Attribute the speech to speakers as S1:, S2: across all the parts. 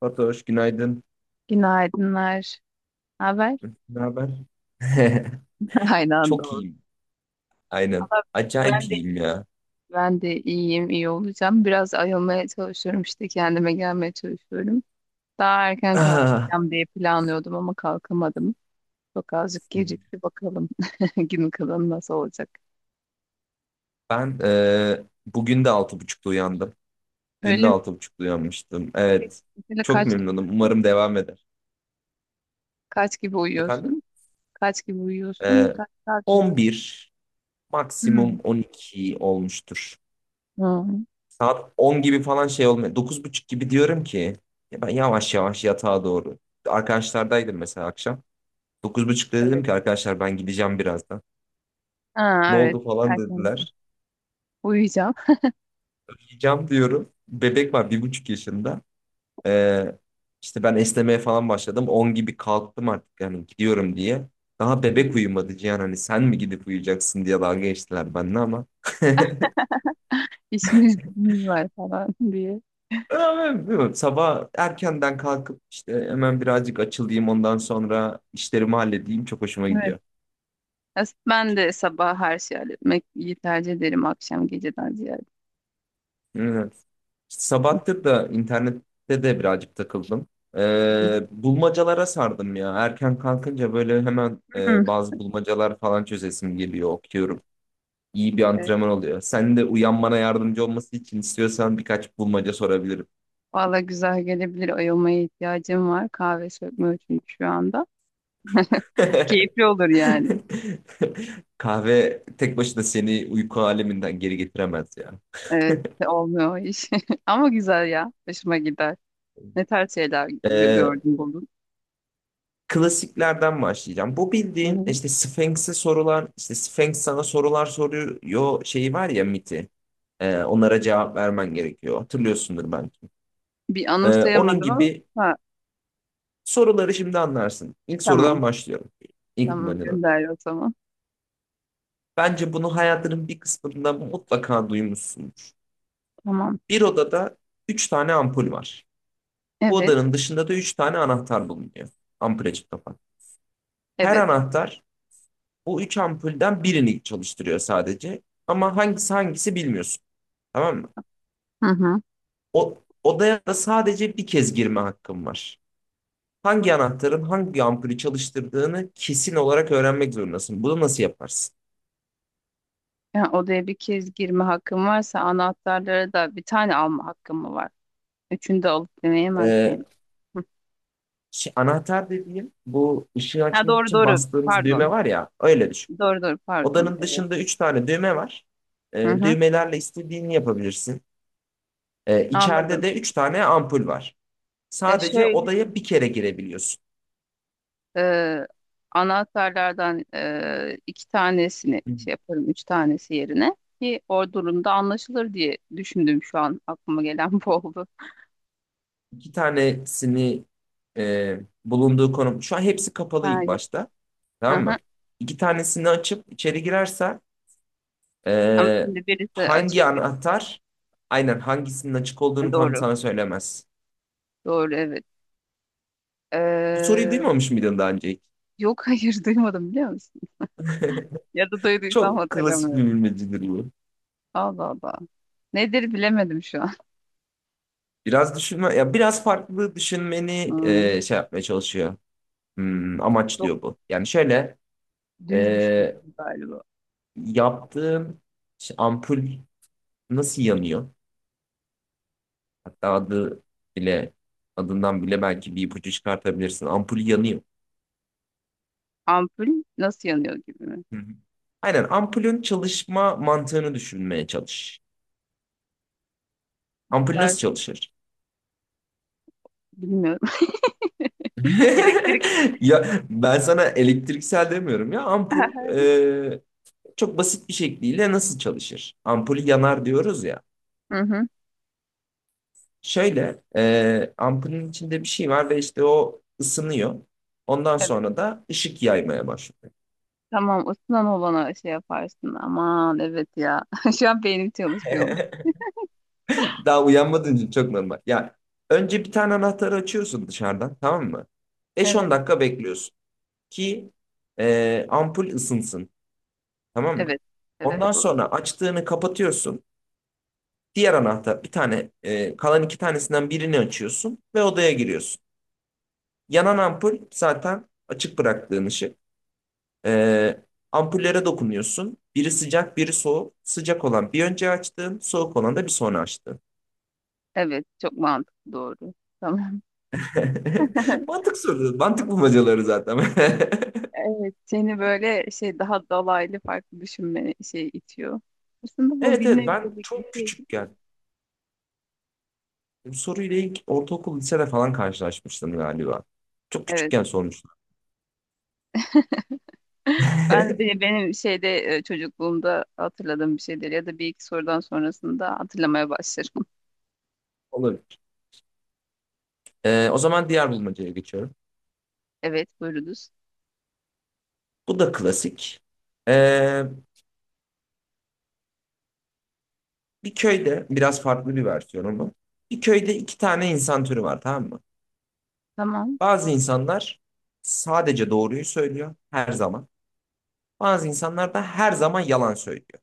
S1: Fatoş, günaydın.
S2: Günaydınlar. Ne haber?
S1: Ne haber?
S2: Aynı anda
S1: Çok
S2: oldu.
S1: iyiyim. Aynen.
S2: Ama
S1: Acayip
S2: Ben de
S1: iyiyim ya.
S2: ben de iyiyim, iyi olacağım. Biraz ayılmaya çalışıyorum işte kendime gelmeye çalışıyorum. Daha erken
S1: Ah.
S2: kalkacağım diye planlıyordum ama kalkamadım. Çok azıcık gecikti bakalım, gün kalanı nasıl olacak.
S1: Ben bugün de 6.30'da uyandım. Dün de
S2: Öyle mi?
S1: 6.30'da uyanmıştım.
S2: Peki,
S1: Evet.
S2: Mesela
S1: Çok
S2: kaç
S1: memnunum. Umarım devam eder.
S2: kaç gibi
S1: Efendim?
S2: uyuyorsun? Kaç gibi uyuyorsun?
S1: E,
S2: Kaç saat uyuyorsun?
S1: 11,
S2: Hmm.
S1: maksimum 12 olmuştur.
S2: Hmm.
S1: Saat 10 gibi falan şey olmuyor. Dokuz buçuk gibi diyorum ki ya ben yavaş yavaş yatağa doğru. Arkadaşlardaydım mesela akşam. Dokuz buçukta dedim
S2: Evet.
S1: ki arkadaşlar ben gideceğim birazdan.
S2: Ha,
S1: Ne
S2: evet.
S1: oldu falan
S2: Erken
S1: dediler.
S2: uyuyacağım.
S1: Yiyeceğim diyorum. Bebek var 1,5 yaşında. Ee, işte ben esnemeye falan başladım. 10 gibi kalktım artık yani gidiyorum diye. Daha bebek uyumadı Cihan, hani sen mi gidip uyuyacaksın diye dalga geçtiler benimle ama.
S2: İşimiz gücümüz var falan diye.
S1: Ama bilmiyorum, sabah erkenden kalkıp işte hemen birazcık açılayım, ondan sonra işlerimi halledeyim, çok hoşuma
S2: Evet.
S1: gidiyor.
S2: Ben de sabah her şeyi halletmeyi tercih ederim, akşam geceden ziyade.
S1: Evet. Sabahtır da internette de birazcık takıldım.
S2: Hı
S1: Bulmacalara sardım ya. Erken kalkınca böyle hemen
S2: hı.
S1: bazı bulmacalar falan çözesim geliyor, okuyorum. İyi bir
S2: Evet.
S1: antrenman oluyor. Sen de uyanmana yardımcı olması için istiyorsan birkaç bulmaca sorabilirim.
S2: Valla güzel gelebilir. Ayılmaya ihtiyacım var. Kahve sökmüyor çünkü şu anda. Keyifli olur yani.
S1: Kahve tek başına seni uyku aleminden geri getiremez ya.
S2: Evet, olmuyor o iş. Ama güzel ya. Hoşuma gider. Ne tarz şeyler
S1: Ee,
S2: gördün, buldun?
S1: Klasiklerden başlayacağım. Bu
S2: Hı
S1: bildiğin
S2: hı.
S1: işte Sphinx'e sorular, işte Sphinx sana sorular soruyor şeyi var ya, miti. Onlara cevap vermen gerekiyor. Hatırlıyorsundur belki.
S2: Bir
S1: Onun
S2: anımsayamadım ama
S1: gibi
S2: ha,
S1: soruları şimdi anlarsın. İlk
S2: tamam.
S1: sorudan başlıyorum. İlk
S2: Tamam,
S1: manina.
S2: gönder o zaman.
S1: Bence bunu hayatının bir kısmında mutlaka duymuşsundur.
S2: Tamam.
S1: Bir odada üç tane ampul var. Bu
S2: Evet.
S1: odanın dışında da üç tane anahtar bulunuyor. Ampule çift kapan. Her
S2: Evet.
S1: anahtar Bu üç ampulden birini çalıştırıyor sadece. Ama hangisi hangisi bilmiyorsun. Tamam mı?
S2: Hı hı.
S1: Odaya da sadece bir kez girme hakkın var. Hangi anahtarın hangi ampulü çalıştırdığını kesin olarak öğrenmek zorundasın. Bunu nasıl yaparsın?
S2: Yani odaya bir kez girme hakkım varsa, anahtarlara da bir tane alma hakkım mı var? Üçünü de alıp deneyemez
S1: Ee,
S2: miyim? Hı.
S1: Anahtar dediğim, bu ışığı
S2: Ha,
S1: açmak
S2: doğru
S1: için
S2: doğru.
S1: bastığımız düğme
S2: Pardon.
S1: var ya, öyle düşün.
S2: Doğru doğru, pardon.
S1: Odanın
S2: Evet.
S1: dışında üç tane düğme var.
S2: Hı hı.
S1: Düğmelerle istediğini yapabilirsin. İçeride
S2: Anladım.
S1: de üç tane ampul var.
S2: Ya
S1: Sadece
S2: şöyle,
S1: odaya bir kere girebiliyorsun.
S2: e, anahtarlardan iki tanesini şey yaparım. Üç tanesi yerine ki o durumda anlaşılır diye düşündüm şu an. Aklıma gelen bu oldu.
S1: İki tanesini bulunduğu konum. Şu an hepsi kapalı
S2: Ha
S1: ilk
S2: yok.
S1: başta.
S2: Hı
S1: Tamam mı?
S2: hı.
S1: İki tanesini açıp içeri girerse
S2: Ama
S1: e,
S2: şimdi birisi
S1: hangi
S2: açık bir.
S1: anahtar aynen hangisinin açık
S2: Ha,
S1: olduğunu tam
S2: doğru.
S1: sana söylemez.
S2: Doğru, evet.
S1: Bu soruyu
S2: E,
S1: duymamış mıydın daha önce hiç?
S2: Yok, hayır, duymadım biliyor musun? Ya da duyduysam
S1: Çok klasik bir
S2: hatırlamıyorum.
S1: bilmecedir bu.
S2: Allah Allah. Nedir bilemedim şu an.
S1: Biraz düşünme, ya biraz farklı düşünmeni
S2: Hmm,
S1: şey yapmaya çalışıyor.
S2: çok
S1: Amaçlıyor bu. Yani şöyle
S2: düz
S1: e,
S2: düşünüyorum galiba.
S1: yaptığım işte, ampul nasıl yanıyor? Hatta bile adından bile belki bir ipucu çıkartabilirsin. Ampul yanıyor.
S2: Ampul nasıl yanıyor gibi mi?
S1: Hı hı. Aynen, ampulün çalışma mantığını düşünmeye çalış.
S2: O
S1: Ampul
S2: kadar
S1: nasıl çalışır?
S2: bilmiyorum. Elektrikle.
S1: Ya ben sana elektriksel demiyorum ya, ampul e, çok basit bir şekliyle nasıl çalışır? Ampul yanar diyoruz ya.
S2: Hı hı.
S1: Şöyle ampulün içinde bir şey var ve işte o ısınıyor. Ondan
S2: Evet.
S1: sonra da ışık yaymaya başlıyor.
S2: Tamam, ısınan olana şey yaparsın. Aman evet ya. Şu an beynim çalışmıyormuş.
S1: Daha uyanmadığın için çok normal. Ya önce bir tane anahtarı açıyorsun dışarıdan, tamam mı? 5-10
S2: Evet.
S1: dakika bekliyorsun ki ampul ısınsın, tamam mı?
S2: Evet. Evet,
S1: Ondan
S2: doğru.
S1: sonra açtığını kapatıyorsun. Diğer anahtar bir tane kalan iki tanesinden birini açıyorsun ve odaya giriyorsun. Yanan ampul zaten açık bıraktığın ışık. E, Ampullere dokunuyorsun. Biri sıcak, biri soğuk. Sıcak olan bir önce açtığın, soğuk olan da bir sonra açtığın.
S2: Evet, çok mantıklı, doğru. Tamam.
S1: Mantık soruları, mantık bulmacaları zaten.
S2: Evet, seni böyle şey, daha dolaylı farklı düşünme şey itiyor. Aslında bu
S1: Evet, evet, ben
S2: bilinebilecek bir
S1: çok
S2: şey.
S1: küçükken bu soruyla ilk ortaokul lisede falan karşılaşmıştım galiba. Çok
S2: Evet.
S1: küçükken sormuşlar.
S2: Ben de benim şeyde, çocukluğumda hatırladığım bir şeyler ya da bir iki sorudan sonrasında hatırlamaya başlarım.
S1: Olabilir. O zaman diğer bulmacaya geçiyorum.
S2: Evet, buyurunuz.
S1: Bu da klasik. Ee, Bir köyde biraz farklı bir versiyonu bu. Bir köyde iki tane insan türü var, tamam mı?
S2: Tamam.
S1: Bazı insanlar sadece doğruyu söylüyor her zaman. Bazı insanlar da her zaman yalan söylüyor.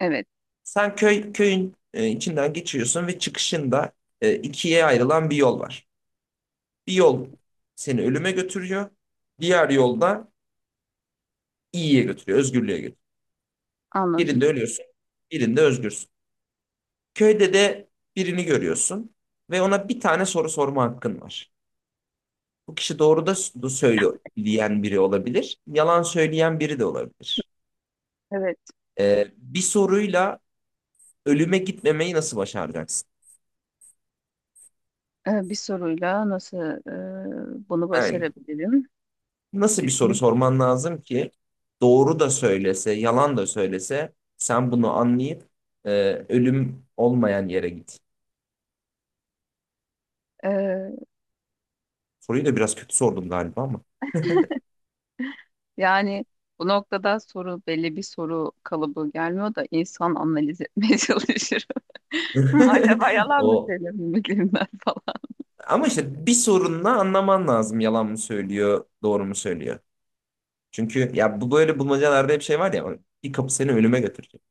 S2: Evet,
S1: Sen köyün içinden geçiyorsun ve çıkışında ikiye ayrılan bir yol var. Bir yol seni ölüme götürüyor. Diğer yolda iyiye götürüyor, özgürlüğe götürüyor.
S2: anladım.
S1: Birinde ölüyorsun, birinde özgürsün. Köyde de birini görüyorsun ve ona bir tane soru sorma hakkın var. Bu kişi doğru da söyleyen biri olabilir, yalan söyleyen biri de olabilir.
S2: Evet,
S1: Bir soruyla ölüme gitmemeyi nasıl başaracaksın?
S2: bir soruyla nasıl bunu
S1: Yani
S2: başarabilirim?
S1: Nasıl bir soru
S2: Düşünün.
S1: sorman lazım ki doğru da söylese, yalan da söylese sen bunu anlayıp e, ölüm olmayan yere git.
S2: E,
S1: Soruyu da biraz kötü sordum galiba ama.
S2: Yani bu noktada soru, belli bir soru kalıbı gelmiyor da insan analiz etmeye çalışır. Hmm, acaba yalan mı
S1: O,
S2: söylemiyorum ben falan.
S1: ama işte bir sorunla anlaman lazım, yalan mı söylüyor, doğru mu söylüyor. Çünkü ya bu böyle bulmacalarda hep şey var ya, bir kapı seni ölüme götürecek.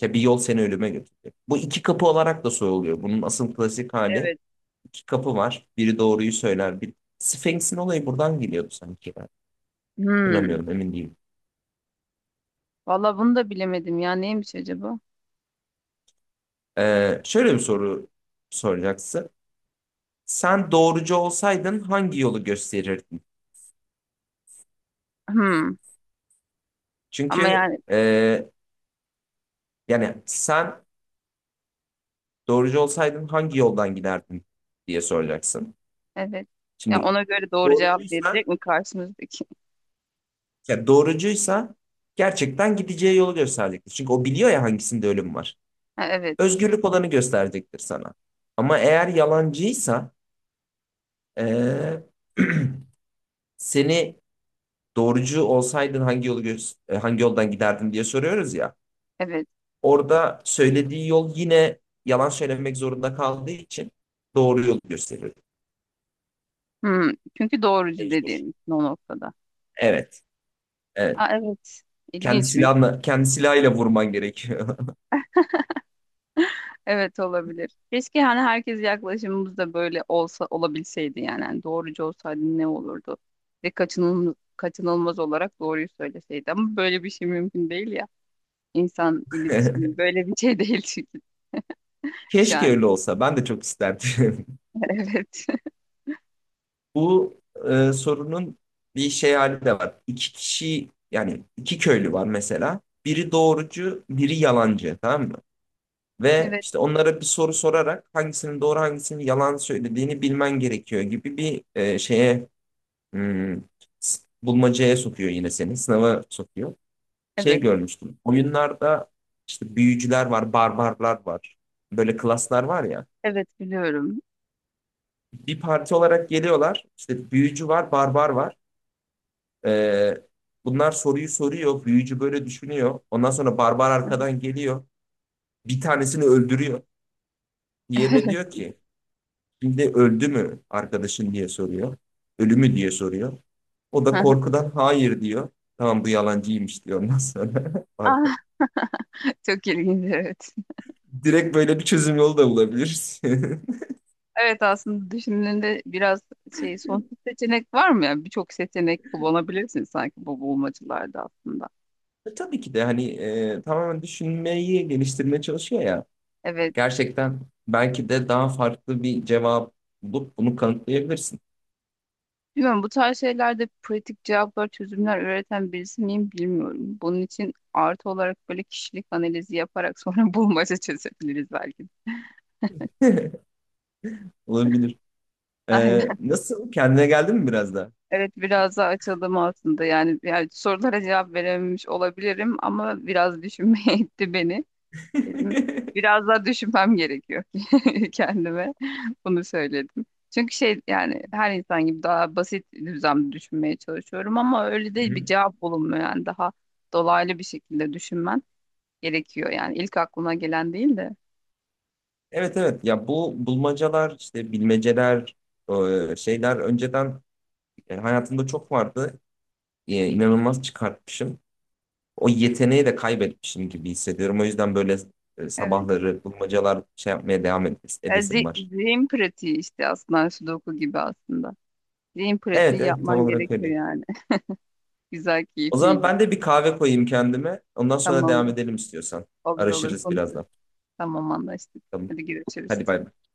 S1: Ya bir yol seni ölüme götürecek. Bu iki kapı olarak da soruluyor. Bunun asıl klasik hali,
S2: Evet.
S1: iki kapı var. Biri doğruyu söyler, Sphinx'in olayı buradan geliyordu sanki.
S2: Hmm.
S1: Hatırlamıyorum, emin değilim.
S2: Valla bunu da bilemedim ya, neymiş acaba?
S1: Şöyle bir soru soracaksın. Sen doğrucu olsaydın hangi yolu gösterirdin?
S2: Hmm. Ama
S1: Çünkü
S2: yani
S1: yani sen doğrucu olsaydın hangi yoldan giderdin diye soracaksın.
S2: evet. Ya
S1: Şimdi
S2: ona göre doğru cevap verecek
S1: doğrucuysa
S2: mi karşımızdaki?
S1: doğrucuysa gerçekten gideceği yolu gösterecektir. Çünkü o biliyor ya, hangisinde ölüm var.
S2: Ha, evet.
S1: Özgürlük olanı gösterecektir sana. Ama eğer yalancıysa e, seni, doğrucu olsaydın hangi yolu gö- e, hangi yoldan giderdin diye soruyoruz ya.
S2: Evet.
S1: Orada söylediği yol, yine yalan söylemek zorunda kaldığı için, doğru yolu gösteriyor.
S2: Hmm. Çünkü doğrucu
S1: Mecbur.
S2: dediğim için o noktada.
S1: Evet, evet.
S2: Ha, evet.
S1: Kendi
S2: İlginç bir.
S1: silahla, kendi silahıyla vurman gerekiyor.
S2: Evet, olabilir. Keşke hani herkes, yaklaşımımız da böyle olsa olabilseydi yani. Hani doğrucu olsaydı ne olurdu? Ve kaçınılmaz, kaçınılmaz olarak doğruyu söyleseydi. Ama böyle bir şey mümkün değil ya. İnsan iletişimi böyle bir şey değil çünkü şu
S1: Keşke
S2: an.
S1: öyle olsa. Ben de çok isterdim.
S2: Evet.
S1: Bu sorunun bir şey hali de var. İki kişi, yani iki köylü var mesela. Biri doğrucu, biri yalancı, tamam mı? Ve
S2: Evet.
S1: işte onlara bir soru sorarak hangisinin doğru, hangisinin yalan söylediğini bilmen gerekiyor gibi bir şeye, hmm, bulmacaya sokuyor, yine seni sınava sokuyor. Şey
S2: Evet.
S1: görmüştüm oyunlarda, işte büyücüler var, barbarlar var, böyle klaslar var ya,
S2: Evet, biliyorum.
S1: bir parti olarak geliyorlar. İşte büyücü var, barbar var. E, Bunlar soruyu soruyor, büyücü böyle düşünüyor, ondan sonra barbar
S2: Evet.
S1: arkadan geliyor, bir tanesini öldürüyor. Diğerine diyor ki, şimdi öldü mü arkadaşın diye soruyor. Ölü mü diye soruyor. O da korkudan hayır diyor. Tamam, bu yalancıymış diyor ondan sonra.
S2: Ah. Çok ilginç, evet.
S1: Direkt böyle bir çözüm yolu da bulabiliriz.
S2: Evet, aslında düşündüğünde biraz şey, sonsuz seçenek var mı yani, birçok seçenek kullanabilirsin sanki bu bulmacalarda aslında.
S1: Tabii ki de, hani tamamen düşünmeyi geliştirmeye çalışıyor ya.
S2: Evet.
S1: Gerçekten belki de daha farklı bir cevap bulup bunu kanıtlayabilirsin.
S2: Bilmiyorum, bu tarz şeylerde pratik cevaplar, çözümler üreten birisi miyim bilmiyorum. Bunun için artı olarak böyle kişilik analizi yaparak sonra bulmaca çözebiliriz belki.
S1: Olabilir.
S2: Aynen.
S1: Nasıl? Kendine geldin mi biraz da?
S2: Evet, biraz daha açıldım aslında. Yani, yani sorulara cevap verememiş olabilirim ama biraz düşünmeye itti beni. Dedim biraz daha düşünmem gerekiyor kendime. Bunu söyledim. Çünkü şey, yani her insan gibi daha basit düzlemde düşünmeye çalışıyorum ama öyle değil, bir cevap bulunmuyor, yani daha dolaylı bir şekilde düşünmen gerekiyor yani, ilk aklına gelen değil de.
S1: Evet, evet, ya, bu bulmacalar, işte bilmeceler şeyler önceden, yani hayatımda çok vardı. İnanılmaz çıkartmışım. O yeteneği de kaybetmişim gibi hissediyorum. O yüzden böyle
S2: Evet.
S1: sabahları bulmacalar şey yapmaya devam
S2: E,
S1: edesim var.
S2: zihin pratiği işte, aslında sudoku gibi aslında. Zihin
S1: Evet,
S2: pratiği
S1: evet, tam
S2: yapman
S1: olarak
S2: gerekiyor
S1: öyle.
S2: yani. Güzel,
S1: O zaman
S2: keyifliydi.
S1: ben de bir kahve koyayım kendime. Ondan sonra devam
S2: Tamamdır.
S1: edelim istiyorsan.
S2: Olur olur,
S1: Araşırız
S2: konuşuruz.
S1: birazdan.
S2: Tamam, anlaştık.
S1: Tamam.
S2: Hadi görüşürüz.
S1: Hadi bay bay.